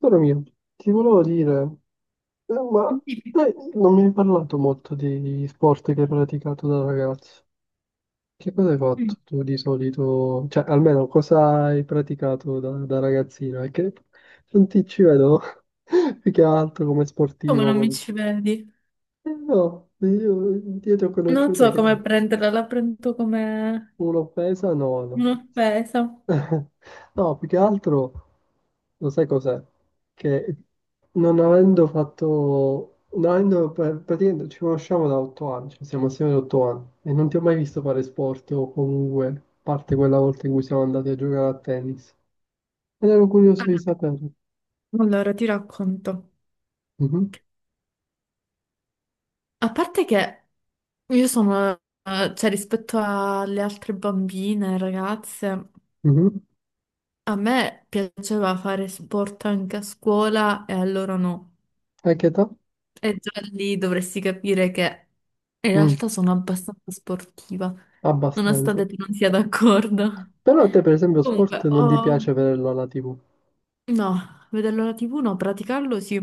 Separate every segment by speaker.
Speaker 1: Caro mio, ti volevo dire, ma te non mi hai parlato molto di sport che hai praticato da ragazzo. Che cosa hai
Speaker 2: Mm.
Speaker 1: fatto tu di solito? Cioè, almeno cosa hai praticato da ragazzino? È che non ti ci vedo più che altro come
Speaker 2: Come
Speaker 1: sportivo.
Speaker 2: non mi ci vedi?
Speaker 1: No, io ti ho
Speaker 2: Non
Speaker 1: conosciuta
Speaker 2: so
Speaker 1: che
Speaker 2: come prenderla, la prendo come
Speaker 1: un'offesa, no, no.
Speaker 2: un'offesa.
Speaker 1: No, più che altro, lo sai cos'è? Che non avendo fatto, non avendo, praticamente ci conosciamo da 8 anni, cioè siamo assieme da 8 anni, e non ti ho mai visto fare sport o comunque, a parte quella volta in cui siamo andati a giocare a tennis. Ed ero curioso di sapere.
Speaker 2: Allora, ti racconto.
Speaker 1: Mhm,
Speaker 2: A parte che io sono, cioè rispetto alle altre bambine, ragazze,
Speaker 1: mhm.
Speaker 2: a me piaceva fare sport anche a scuola e a loro no.
Speaker 1: A che età?
Speaker 2: E già lì dovresti capire che in
Speaker 1: Mm,
Speaker 2: realtà sono abbastanza sportiva,
Speaker 1: abbastanza.
Speaker 2: nonostante tu non sia d'accordo.
Speaker 1: Però a te, per esempio,
Speaker 2: Comunque,
Speaker 1: sport non ti
Speaker 2: ho
Speaker 1: piace vederlo alla TV.
Speaker 2: No, vederlo alla TV no, praticarlo sì.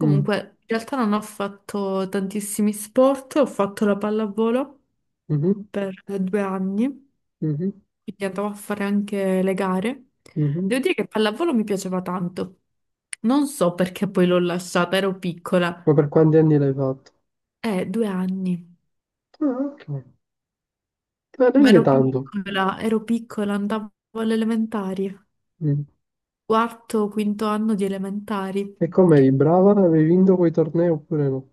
Speaker 1: Mm,
Speaker 2: in realtà non ho fatto tantissimi sport, ho fatto la pallavolo
Speaker 1: mhm,
Speaker 2: per 2 anni,
Speaker 1: mhm,
Speaker 2: quindi andavo a fare anche le gare. Devo
Speaker 1: mhm.
Speaker 2: dire che pallavolo mi piaceva tanto. Non so perché poi l'ho lasciata, ero piccola.
Speaker 1: Ma per quanti anni l'hai fatto?
Speaker 2: 2 anni.
Speaker 1: Ah, ok. Ma
Speaker 2: Ma
Speaker 1: neanche tanto.
Speaker 2: ero piccola, andavo alle elementari,
Speaker 1: Mm.
Speaker 2: quarto, quinto anno di elementari.
Speaker 1: E come eri brava? Avevi vinto quei tornei oppure no?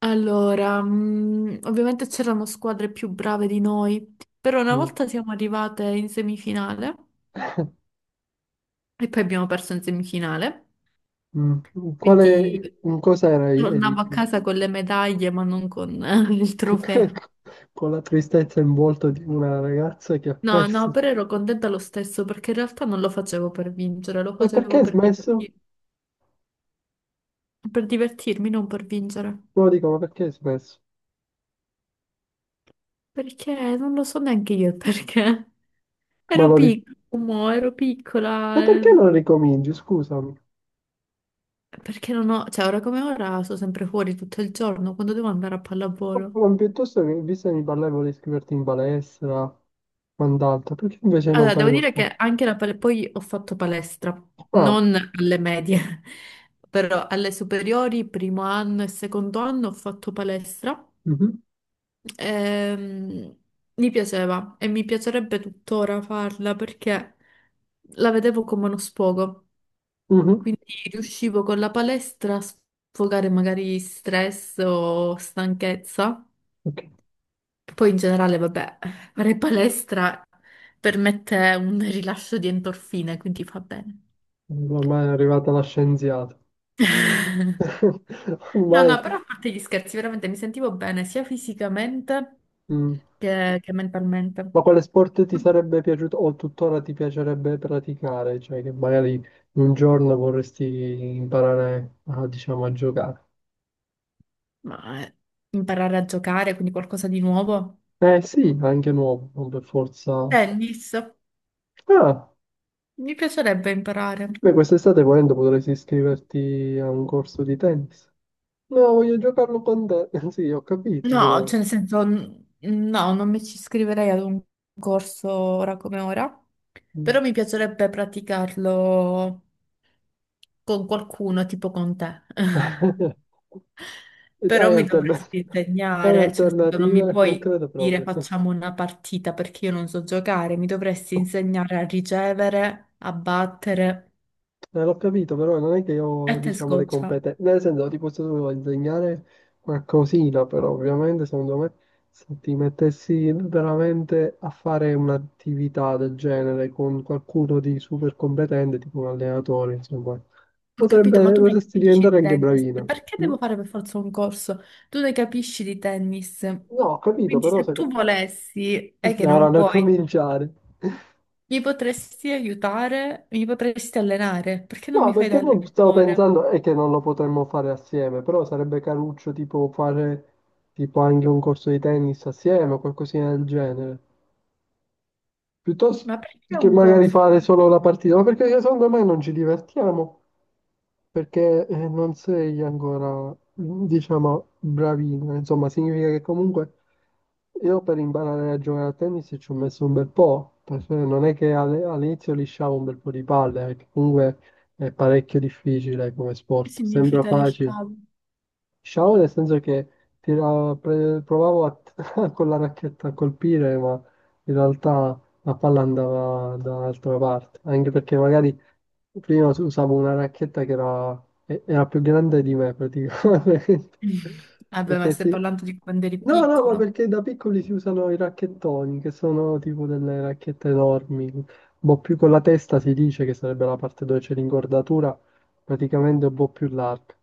Speaker 2: Allora, ovviamente c'erano squadre più brave di noi, però una
Speaker 1: Mm.
Speaker 2: volta siamo arrivate in semifinale e poi abbiamo perso in semifinale,
Speaker 1: Mm. Quale,
Speaker 2: quindi
Speaker 1: in cosa eri
Speaker 2: tornavo a
Speaker 1: più?
Speaker 2: casa con le medaglie ma non con il trofeo.
Speaker 1: Con la tristezza in volto di una ragazza che ha
Speaker 2: No, no,
Speaker 1: perso.
Speaker 2: però ero contenta lo stesso perché in realtà non lo facevo per vincere, lo
Speaker 1: E perché
Speaker 2: facevo
Speaker 1: hai smesso?
Speaker 2: per divertirmi, non per vincere.
Speaker 1: No, dico, ma perché hai smesso?
Speaker 2: Perché non lo so neanche io il perché.
Speaker 1: Ma
Speaker 2: Ero
Speaker 1: lo ri-
Speaker 2: piccola, ero
Speaker 1: E
Speaker 2: piccola.
Speaker 1: perché non ricominci? Scusami.
Speaker 2: Perché non ho, cioè ora come ora sto sempre fuori tutto il giorno quando devo andare a pallavolo.
Speaker 1: Ma piuttosto che, visto che mi parlavo di iscriverti in palestra, quant'altro, perché invece non
Speaker 2: Allora,
Speaker 1: fai
Speaker 2: devo
Speaker 1: uno
Speaker 2: dire
Speaker 1: sport?
Speaker 2: che anche poi ho fatto palestra,
Speaker 1: Ah,
Speaker 2: non alle medie, però alle superiori, primo anno e secondo anno ho fatto palestra.
Speaker 1: mhm,
Speaker 2: Ehm, mi piaceva e mi piacerebbe tuttora farla perché la vedevo come uno sfogo,
Speaker 1: mhm,
Speaker 2: quindi riuscivo con la palestra a sfogare magari stress o stanchezza.
Speaker 1: ok.
Speaker 2: Poi in generale, vabbè, fare palestra permette un rilascio di endorfine, quindi fa bene.
Speaker 1: Ormai è arrivata la scienziata.
Speaker 2: No,
Speaker 1: Ormai
Speaker 2: no, però a parte gli scherzi, veramente mi sentivo bene sia fisicamente
Speaker 1: mhmm,
Speaker 2: che mentalmente.
Speaker 1: ma quale sport ti sarebbe piaciuto o tuttora ti piacerebbe praticare? Cioè che magari un giorno vorresti imparare a, diciamo, a giocare.
Speaker 2: Ma imparare a giocare, quindi qualcosa di nuovo.
Speaker 1: Eh sì, anche nuovo, non per forza.
Speaker 2: Tennis,
Speaker 1: Ah,
Speaker 2: mi piacerebbe imparare.
Speaker 1: beh, quest'estate volendo potresti iscriverti a un corso di tennis. No, voglio giocarlo con te. Sì, ho capito,
Speaker 2: No,
Speaker 1: però.
Speaker 2: cioè nel senso, no, non mi ci iscriverei ad un corso ora come ora, però
Speaker 1: Mm.
Speaker 2: mi piacerebbe praticarlo con qualcuno, tipo con te. Però
Speaker 1: Hai
Speaker 2: mi
Speaker 1: altern-
Speaker 2: dovresti
Speaker 1: Hai
Speaker 2: insegnare, cioè nel senso, non mi
Speaker 1: alternative? Non
Speaker 2: puoi
Speaker 1: credo
Speaker 2: dire
Speaker 1: proprio.
Speaker 2: facciamo una partita perché io non so giocare, mi dovresti insegnare a ricevere, a battere
Speaker 1: L'ho capito, però non è che io
Speaker 2: e
Speaker 1: ho,
Speaker 2: te
Speaker 1: diciamo, le
Speaker 2: scoccia.
Speaker 1: competenze. Nel senso, ti posso solo insegnare qualcosina, però ovviamente, secondo me, se ti mettessi veramente a fare un'attività del genere con qualcuno di super competente, tipo un allenatore, insomma,
Speaker 2: Ho capito, ma
Speaker 1: potrebbe,
Speaker 2: tu ne
Speaker 1: potresti
Speaker 2: capisci di
Speaker 1: diventare anche
Speaker 2: tennis?
Speaker 1: bravino.
Speaker 2: Perché
Speaker 1: Mm?
Speaker 2: devo fare per forza un corso? Tu ne capisci di tennis?
Speaker 1: No, ho capito,
Speaker 2: Quindi
Speaker 1: però
Speaker 2: se
Speaker 1: se.
Speaker 2: tu volessi e che
Speaker 1: Ora,
Speaker 2: non
Speaker 1: non
Speaker 2: vuoi,
Speaker 1: cominciare.
Speaker 2: mi potresti aiutare, mi potresti allenare, perché non
Speaker 1: No,
Speaker 2: mi fai da
Speaker 1: perché poi stavo
Speaker 2: allenatore?
Speaker 1: pensando è che non lo potremmo fare assieme, però sarebbe caruccio tipo fare tipo anche un corso di tennis assieme o qualcosina del genere. Piuttosto
Speaker 2: Ma perché
Speaker 1: che
Speaker 2: un
Speaker 1: magari
Speaker 2: corso?
Speaker 1: fare solo la partita, ma perché secondo me non ci divertiamo perché non sei ancora, diciamo, bravino. Insomma, significa che comunque io per imparare a giocare a tennis ci ho messo un bel po', perché non è che all'inizio lisciavo un bel po' di palle, perché comunque è parecchio difficile come
Speaker 2: Che
Speaker 1: sport, sembra
Speaker 2: significa
Speaker 1: facile.
Speaker 2: lisciago?
Speaker 1: Sciavo nel senso che provavo a con la racchetta a colpire, ma in realtà la palla andava da un'altra parte, anche perché magari prima usavo una racchetta che era più grande di me praticamente.
Speaker 2: Vabbè, ma
Speaker 1: Perché
Speaker 2: stai
Speaker 1: sì.
Speaker 2: parlando di quando eri
Speaker 1: No, no, ma
Speaker 2: piccolo.
Speaker 1: perché da piccoli si usano i racchettoni, che sono tipo delle racchette enormi. Boh, più con la testa si dice che sarebbe la parte dove c'è l'ingordatura, praticamente un po' più larga.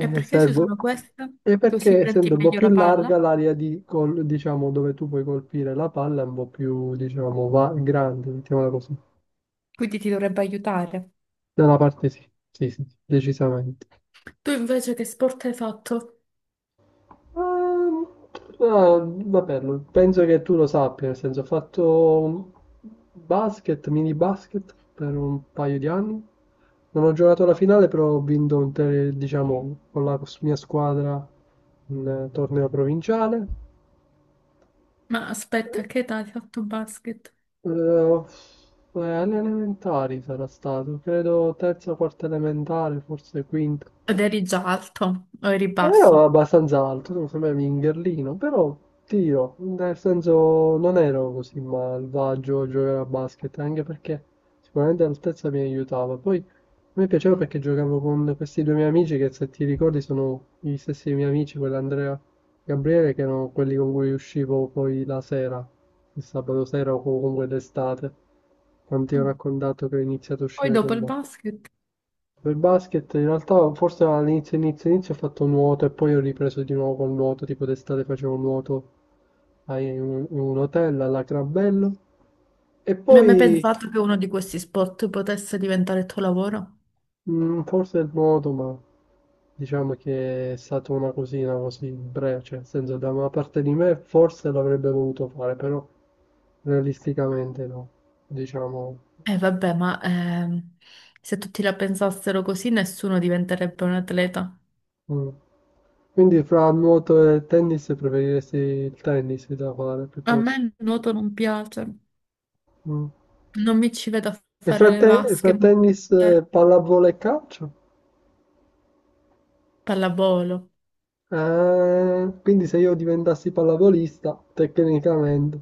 Speaker 2: E perché si
Speaker 1: servo.
Speaker 2: usano questa?
Speaker 1: E
Speaker 2: Così
Speaker 1: perché
Speaker 2: prendi
Speaker 1: essendo un po'
Speaker 2: meglio
Speaker 1: più
Speaker 2: la
Speaker 1: larga
Speaker 2: palla?
Speaker 1: l'area di diciamo, dove tu puoi colpire la palla è un po' più, diciamo, grande, mettiamola così.
Speaker 2: Quindi ti dovrebbe aiutare.
Speaker 1: Da una parte sì, sì, sì, sì, decisamente.
Speaker 2: Tu invece che sport hai fatto?
Speaker 1: Ehm, ah, vabbè, penso che tu lo sappia, nel senso ho fatto basket, mini basket per un paio di anni. Non ho giocato la finale, però ho vinto diciamo, con la mia squadra un torneo provinciale.
Speaker 2: Ma aspetta, a che età hai fatto basket?
Speaker 1: Eh, eh, alle elementari sarà stato, credo terza, quarta elementare, forse quinta.
Speaker 2: Ed eri già alto o eri
Speaker 1: Non ero
Speaker 2: basso?
Speaker 1: abbastanza alto, non sembrava un mingherlino, però ti dirò, nel senso non ero così malvagio a giocare a basket, anche perché sicuramente l'altezza mi aiutava. Poi a me piaceva perché giocavo con questi due miei amici che se ti ricordi sono gli stessi miei amici, quell'Andrea e Gabriele, che erano quelli con cui uscivo poi la sera, il sabato sera o comunque d'estate, quanti ho
Speaker 2: Mm.
Speaker 1: raccontato che ho iniziato a
Speaker 2: Poi
Speaker 1: uscire
Speaker 2: dopo
Speaker 1: con
Speaker 2: il
Speaker 1: loro.
Speaker 2: basket,
Speaker 1: Per basket in realtà forse all'inizio inizio inizio ho fatto nuoto e poi ho ripreso di nuovo col nuoto, tipo d'estate facevo nuoto in un hotel alla Crabello e
Speaker 2: mi hai mai
Speaker 1: poi
Speaker 2: pensato che uno di questi sport potesse diventare il tuo lavoro?
Speaker 1: forse il nuoto, ma diciamo che è stata una cosina così breve, cioè nel senso da una parte di me forse l'avrebbe voluto fare, però realisticamente no, diciamo.
Speaker 2: Eh vabbè, ma se tutti la pensassero così, nessuno diventerebbe un atleta.
Speaker 1: Mm. Quindi fra nuoto e tennis preferiresti il tennis da fare
Speaker 2: A me
Speaker 1: piuttosto.
Speaker 2: il nuoto non piace,
Speaker 1: Mm.
Speaker 2: non mi ci vedo a
Speaker 1: E fra,
Speaker 2: fare le
Speaker 1: te- e fra
Speaker 2: vasche, ma
Speaker 1: tennis, pallavolo e calcio?
Speaker 2: pallavolo.
Speaker 1: Ah, quindi se io diventassi pallavolista, tecnicamente.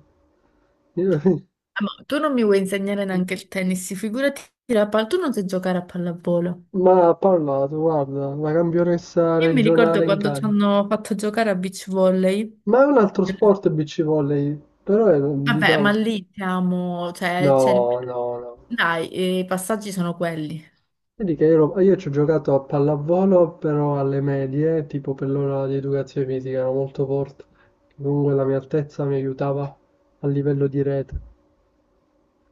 Speaker 2: Ah, ma tu non mi vuoi insegnare neanche il tennis, figurati la palla, tu non sai giocare a pallavolo.
Speaker 1: Ma ha parlato, guarda, la campionessa
Speaker 2: Io mi ricordo
Speaker 1: regionale in
Speaker 2: quando ci
Speaker 1: Cali.
Speaker 2: hanno fatto giocare a beach volley,
Speaker 1: Ma è un altro
Speaker 2: eh,
Speaker 1: sport beach volley, però è,
Speaker 2: vabbè, ma
Speaker 1: diciamo.
Speaker 2: lì siamo, cioè, c'è il-
Speaker 1: No, no, no.
Speaker 2: dai, i passaggi sono quelli.
Speaker 1: Vedi che io ci ho giocato a pallavolo, però alle medie, tipo per l'ora di educazione fisica, ero molto forte. Comunque la mia altezza mi aiutava a livello di rete,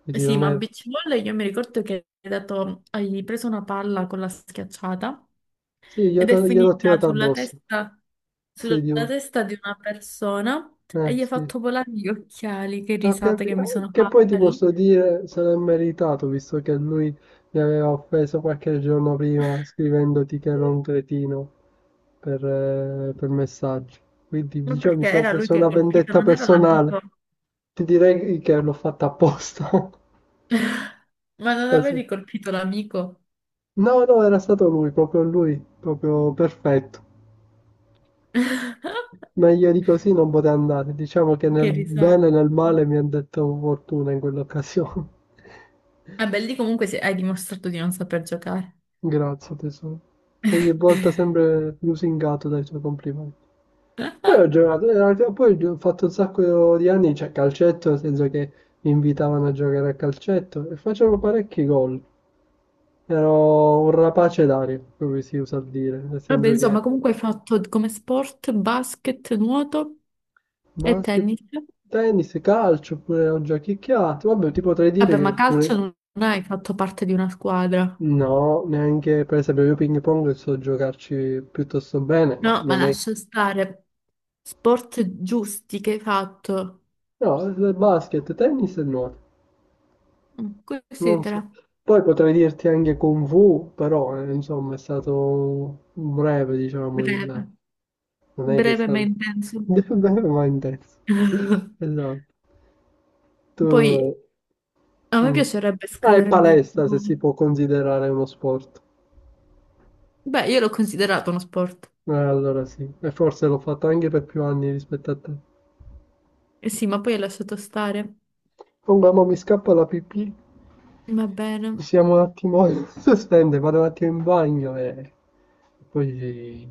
Speaker 1: quindi
Speaker 2: Sì,
Speaker 1: non
Speaker 2: ma a
Speaker 1: è.
Speaker 2: beach volley io mi ricordo che hai preso una palla con la schiacciata
Speaker 1: Sì,
Speaker 2: ed è
Speaker 1: gliel'ho
Speaker 2: finita
Speaker 1: tirata addosso.
Speaker 2: sulla
Speaker 1: Sì, dico,
Speaker 2: testa di una persona e gli ha
Speaker 1: sì.
Speaker 2: fatto volare gli occhiali. Che
Speaker 1: Ho
Speaker 2: risate
Speaker 1: capi-
Speaker 2: che mi sono
Speaker 1: Che poi ti
Speaker 2: fatta lì.
Speaker 1: posso dire, se l'è meritato, visto che lui mi aveva offeso qualche giorno prima scrivendoti che ero un cretino per messaggio. Quindi,
Speaker 2: Ma
Speaker 1: diciamo, mi
Speaker 2: perché
Speaker 1: sono
Speaker 2: era lui
Speaker 1: preso
Speaker 2: che ha
Speaker 1: una
Speaker 2: colpito,
Speaker 1: vendetta
Speaker 2: non era
Speaker 1: personale.
Speaker 2: l'amico.
Speaker 1: Ti direi che l'ho fatta apposta.
Speaker 2: Ma non
Speaker 1: Così.
Speaker 2: avevi colpito l'amico?
Speaker 1: No, no, era stato lui, proprio perfetto. Meglio di così non poteva andare, diciamo che nel
Speaker 2: Che risate.
Speaker 1: bene e nel male mi ha detto fortuna in quell'occasione.
Speaker 2: Vabbè, lì comunque hai dimostrato di non saper giocare.
Speaker 1: Grazie tesoro. Ogni volta sempre lusingato dai suoi complimenti. Poi ho giocato, in realtà poi ho fatto un sacco di anni, cioè calcetto, nel senso che mi invitavano a giocare a calcetto e facevo parecchi gol. Ero un rapace d'aria, come si usa dire, nel
Speaker 2: Vabbè,
Speaker 1: senso che
Speaker 2: insomma, comunque hai fatto come sport basket, nuoto e
Speaker 1: basket,
Speaker 2: tennis.
Speaker 1: tennis, calcio, oppure ho giochicchiato. Vabbè, ti potrei dire
Speaker 2: Vabbè, ma
Speaker 1: che
Speaker 2: calcio
Speaker 1: pure.
Speaker 2: non hai fatto parte di una squadra.
Speaker 1: No, neanche per esempio io ping pong so giocarci piuttosto bene, ma
Speaker 2: No, ma
Speaker 1: non è.
Speaker 2: lascia stare. Sport giusti che hai fatto.
Speaker 1: No, basket, tennis e nuoto,
Speaker 2: Mm,
Speaker 1: non so.
Speaker 2: considera.
Speaker 1: Poi potrei dirti anche Kung Fu, però insomma è stato breve, diciamo,
Speaker 2: Breve.
Speaker 1: il. Non è che è
Speaker 2: Breve ma
Speaker 1: stato
Speaker 2: intenso.
Speaker 1: breve ma intenso. Esatto.
Speaker 2: Poi
Speaker 1: Tu.
Speaker 2: a me
Speaker 1: Mm.
Speaker 2: piacerebbe
Speaker 1: Ah, e
Speaker 2: scrivermi.
Speaker 1: palestra se si può considerare uno sport.
Speaker 2: Beh, io l'ho considerato uno sport.
Speaker 1: Allora sì, e forse l'ho fatto anche per più anni rispetto a te.
Speaker 2: Eh sì, ma poi hai lasciato stare.
Speaker 1: Comunque, ma mi scappa la pipì.
Speaker 2: Va bene.
Speaker 1: Possiamo un attimo sospendere, vado un attimo in bagno e poi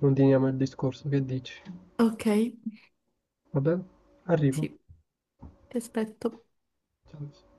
Speaker 1: continuiamo il discorso, che dici?
Speaker 2: Ok,
Speaker 1: Va bene? Arrivo.
Speaker 2: sì, ti aspetto.
Speaker 1: Ciao.